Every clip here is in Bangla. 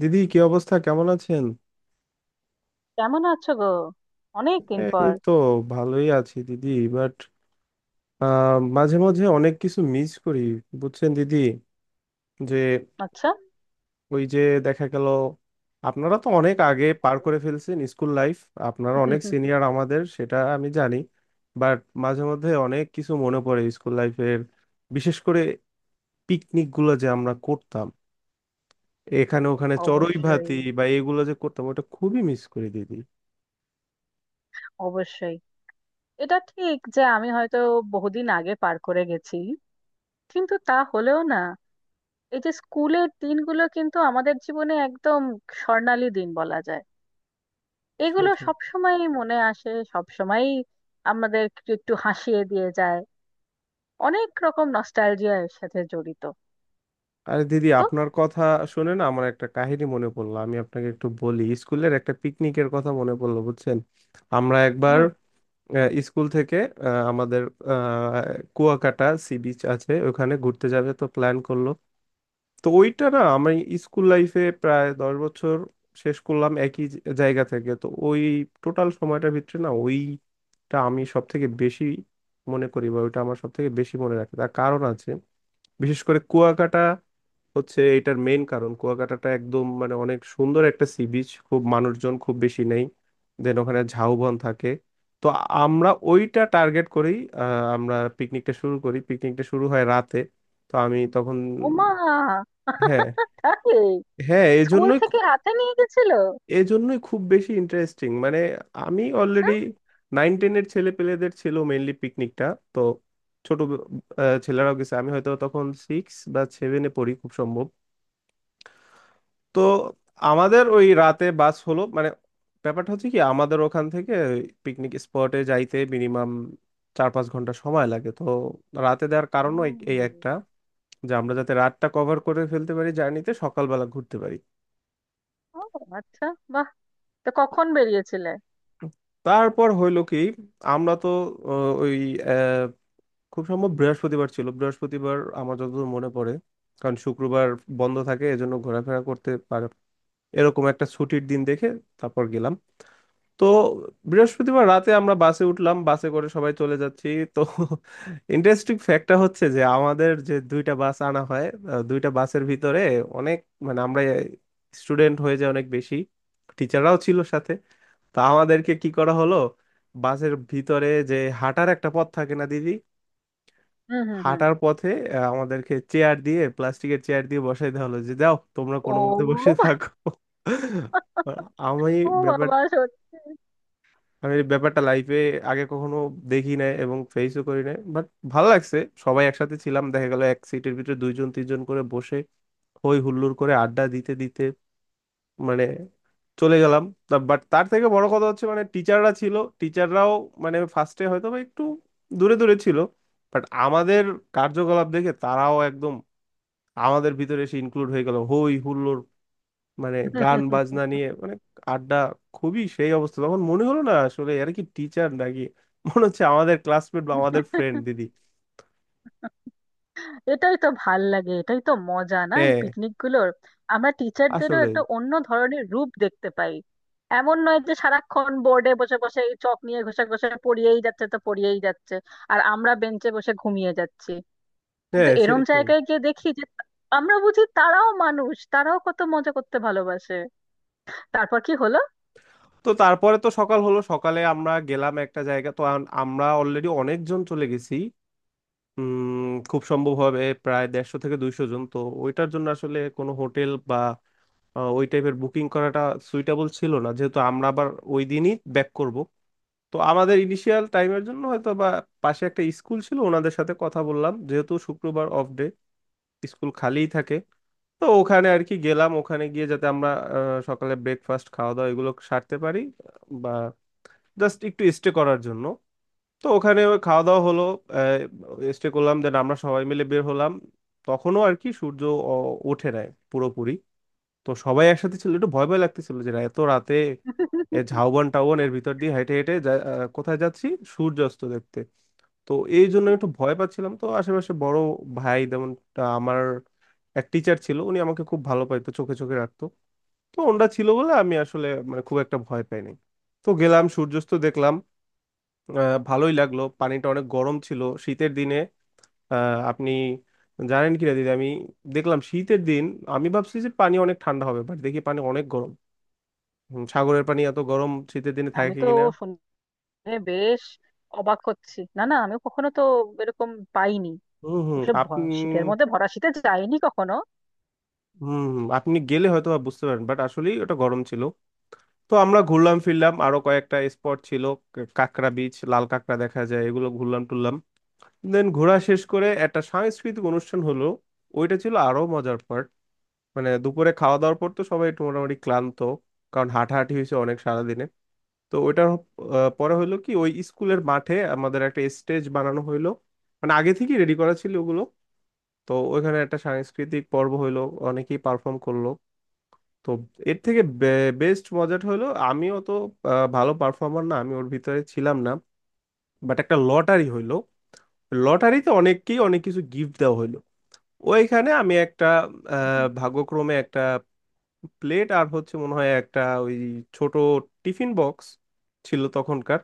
দিদি, কি অবস্থা, কেমন আছেন? কেমন আছো গো? অনেক দিন পর। এই তো, ভালোই আছি দিদি। বাট মাঝে মাঝে অনেক কিছু মিস করি, বুঝছেন দিদি, যে আচ্ছা। ওই যে দেখা গেল, আপনারা তো অনেক আগে পার করে ফেলছেন স্কুল লাইফ। আপনারা অনেক সিনিয়র আমাদের, সেটা আমি জানি। বাট মাঝে মধ্যে অনেক কিছু মনে পড়ে স্কুল লাইফের। বিশেষ করে পিকনিক গুলো যে আমরা করতাম, এখানে ওখানে চড়ুই অবশ্যই, ভাতি বা এগুলো যে করতাম, ওটা খুবই মিস করি দিদি। অবশ্যই। এটা ঠিক যে আমি হয়তো বহুদিন আগে পার করে গেছি, কিন্তু তা হলেও না, এই যে স্কুলের দিনগুলো কিন্তু আমাদের জীবনে একদম স্বর্ণালী দিন বলা যায়। এগুলো সেটাই। সব সময় মনে আসে, সব সময় আমাদের একটু একটু হাসিয়ে দিয়ে যায়। অনেক রকম নস্টালজিয়ার সাথে জড়িত। আরে দিদি, তো আপনার কথা শুনে না আমার একটা কাহিনী মনে পড়লো, আমি আপনাকে একটু বলি, স্কুলের একটা পিকনিকের কথা মনে পড়লো বুঝছেন। আমরা একবার হুম। স্কুল থেকে আমাদের আহ, কুয়াকাটা সি বিচ আছে, ওখানে ঘুরতে যাবে তো প্ল্যান করলো। তো ওইটা না, আমি স্কুল লাইফে প্রায় 10 বছর শেষ করলাম একই জায়গা থেকে। তো ওই টোটাল সময়টার ভিতরে না ওইটা আমি সব থেকে বেশি মনে করি, বা ওইটা আমার সব থেকে বেশি মনে রাখে, তার কারণ আছে। বিশেষ করে কুয়াকাটা হচ্ছে এটার মেইন কারণ। কুয়াকাটাটা একদম মানে অনেক সুন্দর একটা সি বিচ, খুব মানুষজন খুব বেশি নেই। দেন ওখানে ঝাউবন থাকে। তো আমরা ওইটা টার্গেট করেই আমরা পিকনিকটা শুরু করি। পিকনিকটা শুরু হয় রাতে। তো আমি তখন ওমা, হ্যাঁ, তাই? হ্যাঁ, স্কুল থেকে হাতে নিয়ে গেছিল? এজন্যই খুব বেশি ইন্টারেস্টিং। মানে আমি আচ্ছা। অলরেডি নাইন টেনের ছেলে পেলেদের ছিল মেইনলি পিকনিকটা। তো ছোট ছেলেরাও গেছে। আমি হয়তো তখন সিক্স বা সেভেনে পড়ি খুব সম্ভব। তো আমাদের ওই রাতে বাস হলো। মানে ব্যাপারটা হচ্ছে কি, আমাদের ওখান থেকে পিকনিক স্পটে যাইতে মিনিমাম 4-5 ঘন্টা সময় লাগে। তো রাতে দেওয়ার কারণও এই এই ও। একটা, যে আমরা যাতে রাতটা কভার করে ফেলতে পারি জার্নিতে, সকালবেলা ঘুরতে পারি। ও, আচ্ছা। বাহ! তো কখন বেরিয়েছিলে? তারপর হইলো কি আমরা তো ওই আহ, খুব সম্ভব বৃহস্পতিবার ছিল, বৃহস্পতিবার আমার যতদূর মনে পড়ে। কারণ শুক্রবার বন্ধ থাকে, এজন্য ঘোরাফেরা করতে পারে এরকম একটা ছুটির দিন দেখে তারপর গেলাম। তো বৃহস্পতিবার রাতে আমরা বাসে উঠলাম, বাসে করে সবাই চলে যাচ্ছি। তো ইন্টারেস্টিং ফ্যাক্টটা হচ্ছে যে আমাদের যে দুইটা বাস আনা হয়, দুইটা বাসের ভিতরে অনেক মানে আমরা স্টুডেন্ট হয়ে যায় অনেক বেশি, টিচাররাও ছিল সাথে। তো আমাদেরকে কি করা হলো, বাসের ভিতরে যে হাঁটার একটা পথ থাকে না দিদি, হুম হুম হুম। হাঁটার পথে আমাদেরকে চেয়ার দিয়ে, প্লাস্টিকের চেয়ার দিয়ে বসাই দেওয়া হলো, যে যাও তোমরা ও, কোনো মতে বসে বা- থাকো। আমি ও বাবা, ব্যাপারটা, সত্যি? আমি এই ব্যাপারটা লাইফে আগে কখনো দেখি নাই এবং ফেসও করি নাই, বাট ভালো লাগছে। সবাই একসাথে ছিলাম, দেখা গেল এক সিটের ভিতরে দুইজন তিনজন করে বসে হই হুল্লোড় করে আড্ডা দিতে দিতে মানে চলে গেলাম। বাট তার থেকে বড় কথা হচ্ছে মানে টিচাররা ছিল, টিচাররাও মানে ফার্স্টে হয়তো বা একটু দূরে দূরে ছিল, বাট আমাদের কার্যকলাপ দেখে তারাও একদম আমাদের ভিতরে এসে ইনক্লুড হয়ে গেল হই হুল্লোড়, মানে গান বাজনা নিয়ে মানে আড্ডা খুবই সেই অবস্থা। তখন মনে হলো না আসলে এরা কি টিচার নাকি, মনে হচ্ছে আমাদের ক্লাসমেট বা আমাদের ফ্রেন্ড দিদি। এটাই তো ভাল লাগে, এটাই তো মজা না এই হ্যাঁ। পিকনিক গুলোর। আমরা টিচারদেরও আসলে একটা অন্য ধরনের রূপ দেখতে পাই। এমন নয় যে সারাক্ষণ বোর্ডে বসে বসে এই চক নিয়ে ঘষে ঘষে পড়িয়েই যাচ্ছে তো পড়িয়েই যাচ্ছে, আর আমরা বেঞ্চে বসে ঘুমিয়ে যাচ্ছি। কিন্তু হ্যাঁ, এরম সেটাই। জায়গায় গিয়ে দেখি যে আমরা বুঝি তারাও মানুষ, তারাও কত মজা করতে ভালোবাসে। তারপর কি হলো? তো তারপরে তো সকাল হলো, সকালে আমরা গেলাম একটা জায়গা। তো আমরা অলরেডি অনেকজন চলে গেছি, খুব সম্ভব হবে প্রায় 150-200 জন। তো ওইটার জন্য আসলে কোনো হোটেল বা ওই টাইপের বুকিং করাটা সুইটেবল ছিল না, যেহেতু আমরা আবার ওই দিনই ব্যাক করব। তো আমাদের ইনিশিয়াল টাইমের জন্য হয়তো বা পাশে একটা স্কুল ছিল, ওনাদের সাথে কথা বললাম, যেহেতু শুক্রবার অফ ডে স্কুল খালিই থাকে। তো ওখানে আর কি গেলাম, ওখানে গিয়ে যাতে আমরা সকালে ব্রেকফাস্ট খাওয়া দাওয়া এগুলো সারতে পারি, বা জাস্ট একটু স্টে করার জন্য। তো ওখানে ওই খাওয়া দাওয়া হলো, স্টে করলাম, দেন আমরা সবাই মিলে বের হলাম। তখনও আর কি সূর্য ওঠে নাই পুরোপুরি। তো সবাই একসাথে ছিল, একটু ভয় ভয় লাগতেছিল যে এত রাতে এ ঝাউবন টাউবন এর ভিতর দিয়ে হেঁটে হেঁটে কোথায় যাচ্ছি সূর্যাস্ত দেখতে। তো এই জন্য একটু ভয় পাচ্ছিলাম। তো আশেপাশে বড় ভাই যেমন আমার এক টিচার ছিল, উনি আমাকে খুব ভালো পাইতো, চোখে চোখে রাখতো। তো ওনরা ছিল বলে আমি আসলে মানে খুব একটা ভয় পাই নাই। তো গেলাম সূর্যাস্ত দেখলাম, ভালোই লাগলো। পানিটা অনেক গরম ছিল শীতের দিনে। আপনি জানেন কিনা দিদি, আমি দেখলাম শীতের দিন, আমি ভাবছি যে পানি অনেক ঠান্ডা হবে, বাট দেখি পানি অনেক গরম। হুম, সাগরের পানি এত গরম শীতের দিনে আমি থাকে তো কিনা। শুনে বেশ অবাক হচ্ছি। না না, আমি কখনো তো এরকম পাইনি। হুম, হুম। আপনি, শীতের মধ্যে, ভরা শীতে যাইনি কখনো। হুম, হুম, আপনি গেলে হয়তো বা বুঝতে পারেন, বাট আসলেই ওটা গরম ছিল। তো আমরা ঘুরলাম ফিরলাম, আরো কয়েকটা স্পট ছিল, কাঁকড়া বিচ, লাল কাঁকড়া দেখা যায়, এগুলো ঘুরলাম টুরলাম। দেন ঘোরা শেষ করে একটা সাংস্কৃতিক অনুষ্ঠান হলো, ওইটা ছিল আরো মজার পার্ট। মানে দুপুরে খাওয়া দাওয়ার পর তো সবাই একটু মোটামুটি ক্লান্ত, কারণ হাঁটাহাঁটি হয়েছে অনেক সারাদিনে। তো ওইটার পরে হলো কি ওই স্কুলের মাঠে আমাদের একটা স্টেজ বানানো হইলো, মানে আগে থেকেই রেডি করা ছিল ওগুলো। তো ওইখানে একটা সাংস্কৃতিক পর্ব হইলো, অনেকেই পারফর্ম করলো। তো এর থেকে বেস্ট মজাটা হলো, আমিও তো ভালো পারফর্মার না, আমি ওর ভিতরে ছিলাম না। বাট একটা লটারি হইলো, লটারিতে অনেককেই অনেক কিছু গিফট দেওয়া হইলো। ওইখানে আমি একটা ভাগ্যক্রমে একটা প্লেট আর হচ্ছে মনে হয় একটা ওই ছোট টিফিন বক্স ছিল তখনকার,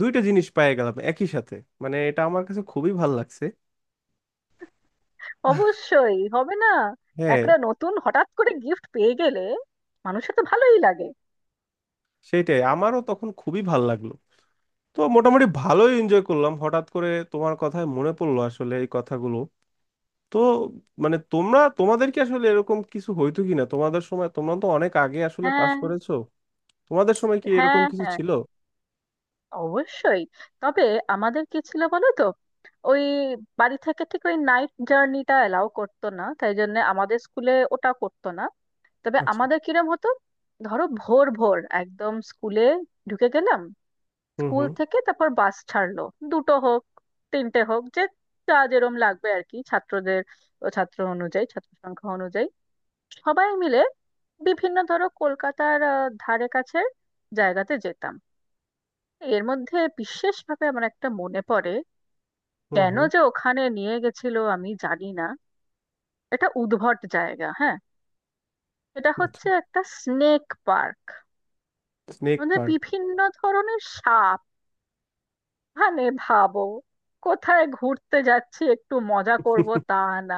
দুইটা জিনিস পেয়ে গেলাম একই সাথে। মানে এটা আমার কাছে খুবই ভাল লাগছে। অবশ্যই হবে না। হ্যাঁ, একটা নতুন হঠাৎ করে গিফট পেয়ে গেলে মানুষের তো ভালোই লাগে। সেটাই। আমারও তখন খুবই ভাল লাগলো। তো মোটামুটি ভালোই এনজয় করলাম। হঠাৎ করে তোমার কথায় মনে পড়লো আসলে এই কথাগুলো। তো মানে তোমরা, তোমাদের কি আসলে এরকম কিছু হইতো কিনা তোমাদের সময়, তোমরা তো অনেক আগে আসলে পাশ হ্যাঁ করেছো। তোমাদের সময় কি এরকম হ্যাঁ, কিছু হ্যাঁ ছিল? অবশ্যই। তবে আমাদের কি ছিল বলো তো, ওই বাড়ি থেকে ঠিক ওই নাইট জার্নিটা এলাও করতো না, তাই জন্য আমাদের স্কুলে ওটা করতো না। তবে আচ্ছা। আমাদের কিরম হতো, ধরো ভোর ভোর একদম স্কুলে ঢুকে গেলাম, হুম, স্কুল হুম। থেকে তারপর বাস ছাড়লো। দুটো হোক, তিনটে হোক, যে যা যেরম লাগবে আর কি, ছাত্রদের, ও ছাত্র অনুযায়ী, ছাত্র সংখ্যা অনুযায়ী। সবাই মিলে বিভিন্ন ধরো কলকাতার ধারে কাছে জায়গাতে যেতাম। এর মধ্যে বিশেষভাবে আমার একটা মনে পড়ে, হুম, কেন হুম। যে ওখানে নিয়ে গেছিল আমি জানি না। এটা উদ্ভট জায়গা, হ্যাঁ। এটা আচ্ছা। হচ্ছে একটা স্নেক পার্ক। স্নেক মানে পার্ক। বিভিন্ন ধরনের সাপ। মানে ভাবো, কোথায় ঘুরতে যাচ্ছি একটু মজা করব, হুম, তা না,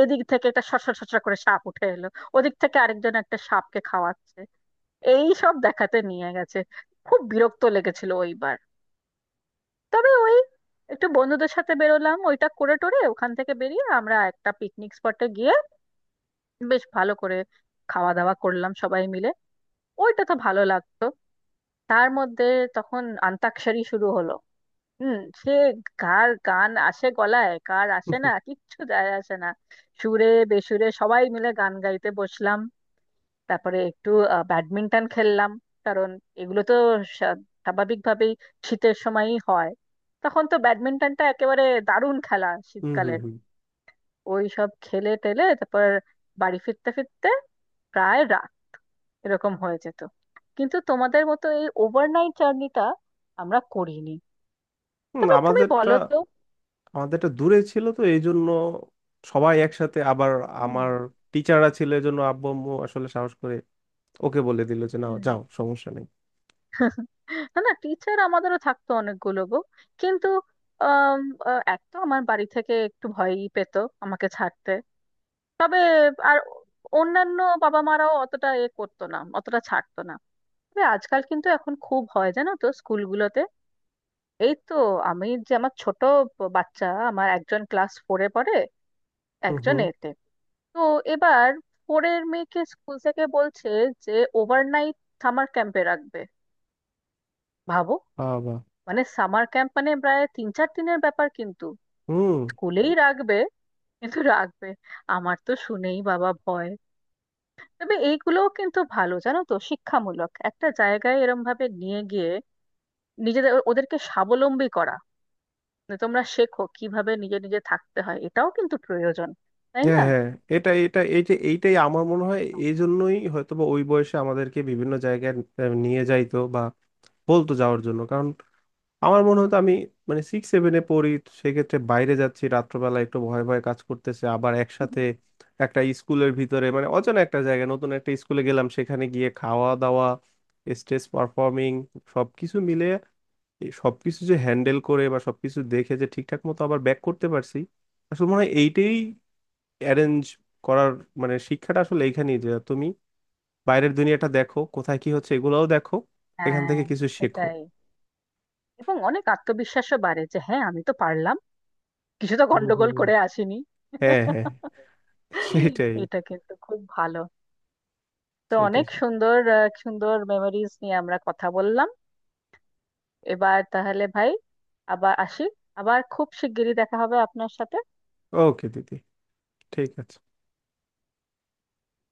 এদিক থেকে একটা সরসর সরসর করে সাপ উঠে এলো, ওদিক থেকে আরেকজন একটা সাপকে খাওয়াচ্ছে, এই সব দেখাতে নিয়ে গেছে। খুব বিরক্ত লেগেছিল ওইবার। তবে ওই একটু বন্ধুদের সাথে বেরোলাম, ওইটা করে টোরে ওখান থেকে বেরিয়ে আমরা একটা পিকনিক স্পটে গিয়ে বেশ ভালো করে খাওয়া দাওয়া করলাম সবাই মিলে। ওইটা তো ভালো লাগতো। তার মধ্যে তখন অন্তাক্ষরী শুরু হলো। হুম। সে কার গান আসে গলায়, কার আসে না, কিচ্ছু যায় আসে না, সুরে বেসুরে সবাই মিলে গান গাইতে বসলাম। তারপরে একটু ব্যাডমিন্টন খেললাম। কারণ এগুলো তো স্বা- স্বাভাবিকভাবেই শীতের সময়ই হয়। তখন তো ব্যাডমিন্টনটা একেবারে দারুণ খেলা হুম। শীতকালের। হুম, ওই সব খেলে টেলে তারপর বাড়ি ফিরতে ফিরতে প্রায় রাত এরকম হয়ে যেত। কিন্তু তোমাদের মতো এই ওভারনাইট জার্নিটা আমরা করিনি। হুম, তবে তুমি আমাদেরটা। বলো তো। আমাদেরটা দূরে ছিল তো, এই জন্য সবাই একসাথে আবার। হুম আমার টিচাররা ছিল এই জন্য আব্বু আম্মু আসলে সাহস করে ওকে বলে দিল যে না হুম। যাও সমস্যা নেই। না না, টিচার আমাদেরও থাকতো অনেকগুলো গো, কিন্তু আম, এক তো আমার বাড়ি থেকে একটু ভয়ই পেত আমাকে ছাড়তে। তবে আর অন্যান্য বাবা মারাও অতটা এ করতো না, অতটা ছাড়তো না। তবে আজকাল কিন্তু এখন খুব হয় জানো তো স্কুলগুলোতে। এই তো আমি, যে আমার ছোট বাচ্চা, আমার একজন ক্লাস ফোরে পড়ে, হুম, একজন হুম। এতে, তো এবার ফোরের মেয়েকে স্কুল থেকে বলছে যে ওভারনাইট সামার ক্যাম্পে রাখবে। ভাবো! বাবা। মানে সামার ক্যাম্প মানে প্রায় 3 4 দিনের ব্যাপার, কিন্তু হুম। স্কুলেই রাখবে, কিন্তু রাখবে। আমার তো শুনেই বাবা ভয়। তবে এইগুলোও কিন্তু ভালো জানো তো, শিক্ষামূলক একটা জায়গায় এরম ভাবে নিয়ে গিয়ে নিজেদের ওদেরকে স্বাবলম্বী করা, যে তোমরা শেখো কিভাবে নিজে নিজে থাকতে হয়, এটাও কিন্তু প্রয়োজন, তাই হ্যাঁ, না? হ্যাঁ। এটা এটা এই যে এইটাই আমার মনে হয় এই জন্যই হয়তো বা ওই বয়সে আমাদেরকে বিভিন্ন জায়গায় নিয়ে যাইতো বা বলতো যাওয়ার জন্য, কারণ আমার মনে হতো, আমি মানে সিক্স সেভেনে পড়ি, সেক্ষেত্রে বাইরে যাচ্ছি রাত্রবেলা, একটু ভয় ভয় কাজ করতেছে, আবার একসাথে একটা স্কুলের ভিতরে মানে অচেনা একটা জায়গায় নতুন একটা স্কুলে গেলাম, সেখানে গিয়ে খাওয়া দাওয়া, স্টেজ পারফর্মিং, সবকিছু মিলে এই সবকিছু যে হ্যান্ডেল করে বা সবকিছু দেখে যে ঠিকঠাক মতো আবার ব্যাক করতে পারছি, আসলে মনে হয় এইটাই অ্যারেঞ্জ করার মানে শিক্ষাটা আসলে এইখানেই, যে তুমি বাইরের দুনিয়াটা দেখো কোথায় কি হচ্ছে এগুলোও দেখো, এখান হ্যাঁ। থেকে কিছু শেখো। এটাই, এবং অনেক আত্মবিশ্বাসও বাড়ে যে হ্যাঁ আমি তো পারলাম, কিছু তো হুম, হুম, গন্ডগোল হুম। করে আসিনি। হ্যাঁ, হ্যাঁ। সেটাই, এটা কিন্তু খুব ভালো। তো সেটাই, অনেক সেটাই। সুন্দর সুন্দর মেমোরিজ নিয়ে আমরা কথা বললাম। এবার তাহলে ভাই আবার আসি, আবার খুব শিগগিরই দেখা হবে আপনার সাথে। ওকে দিদি, ঠিক আছে।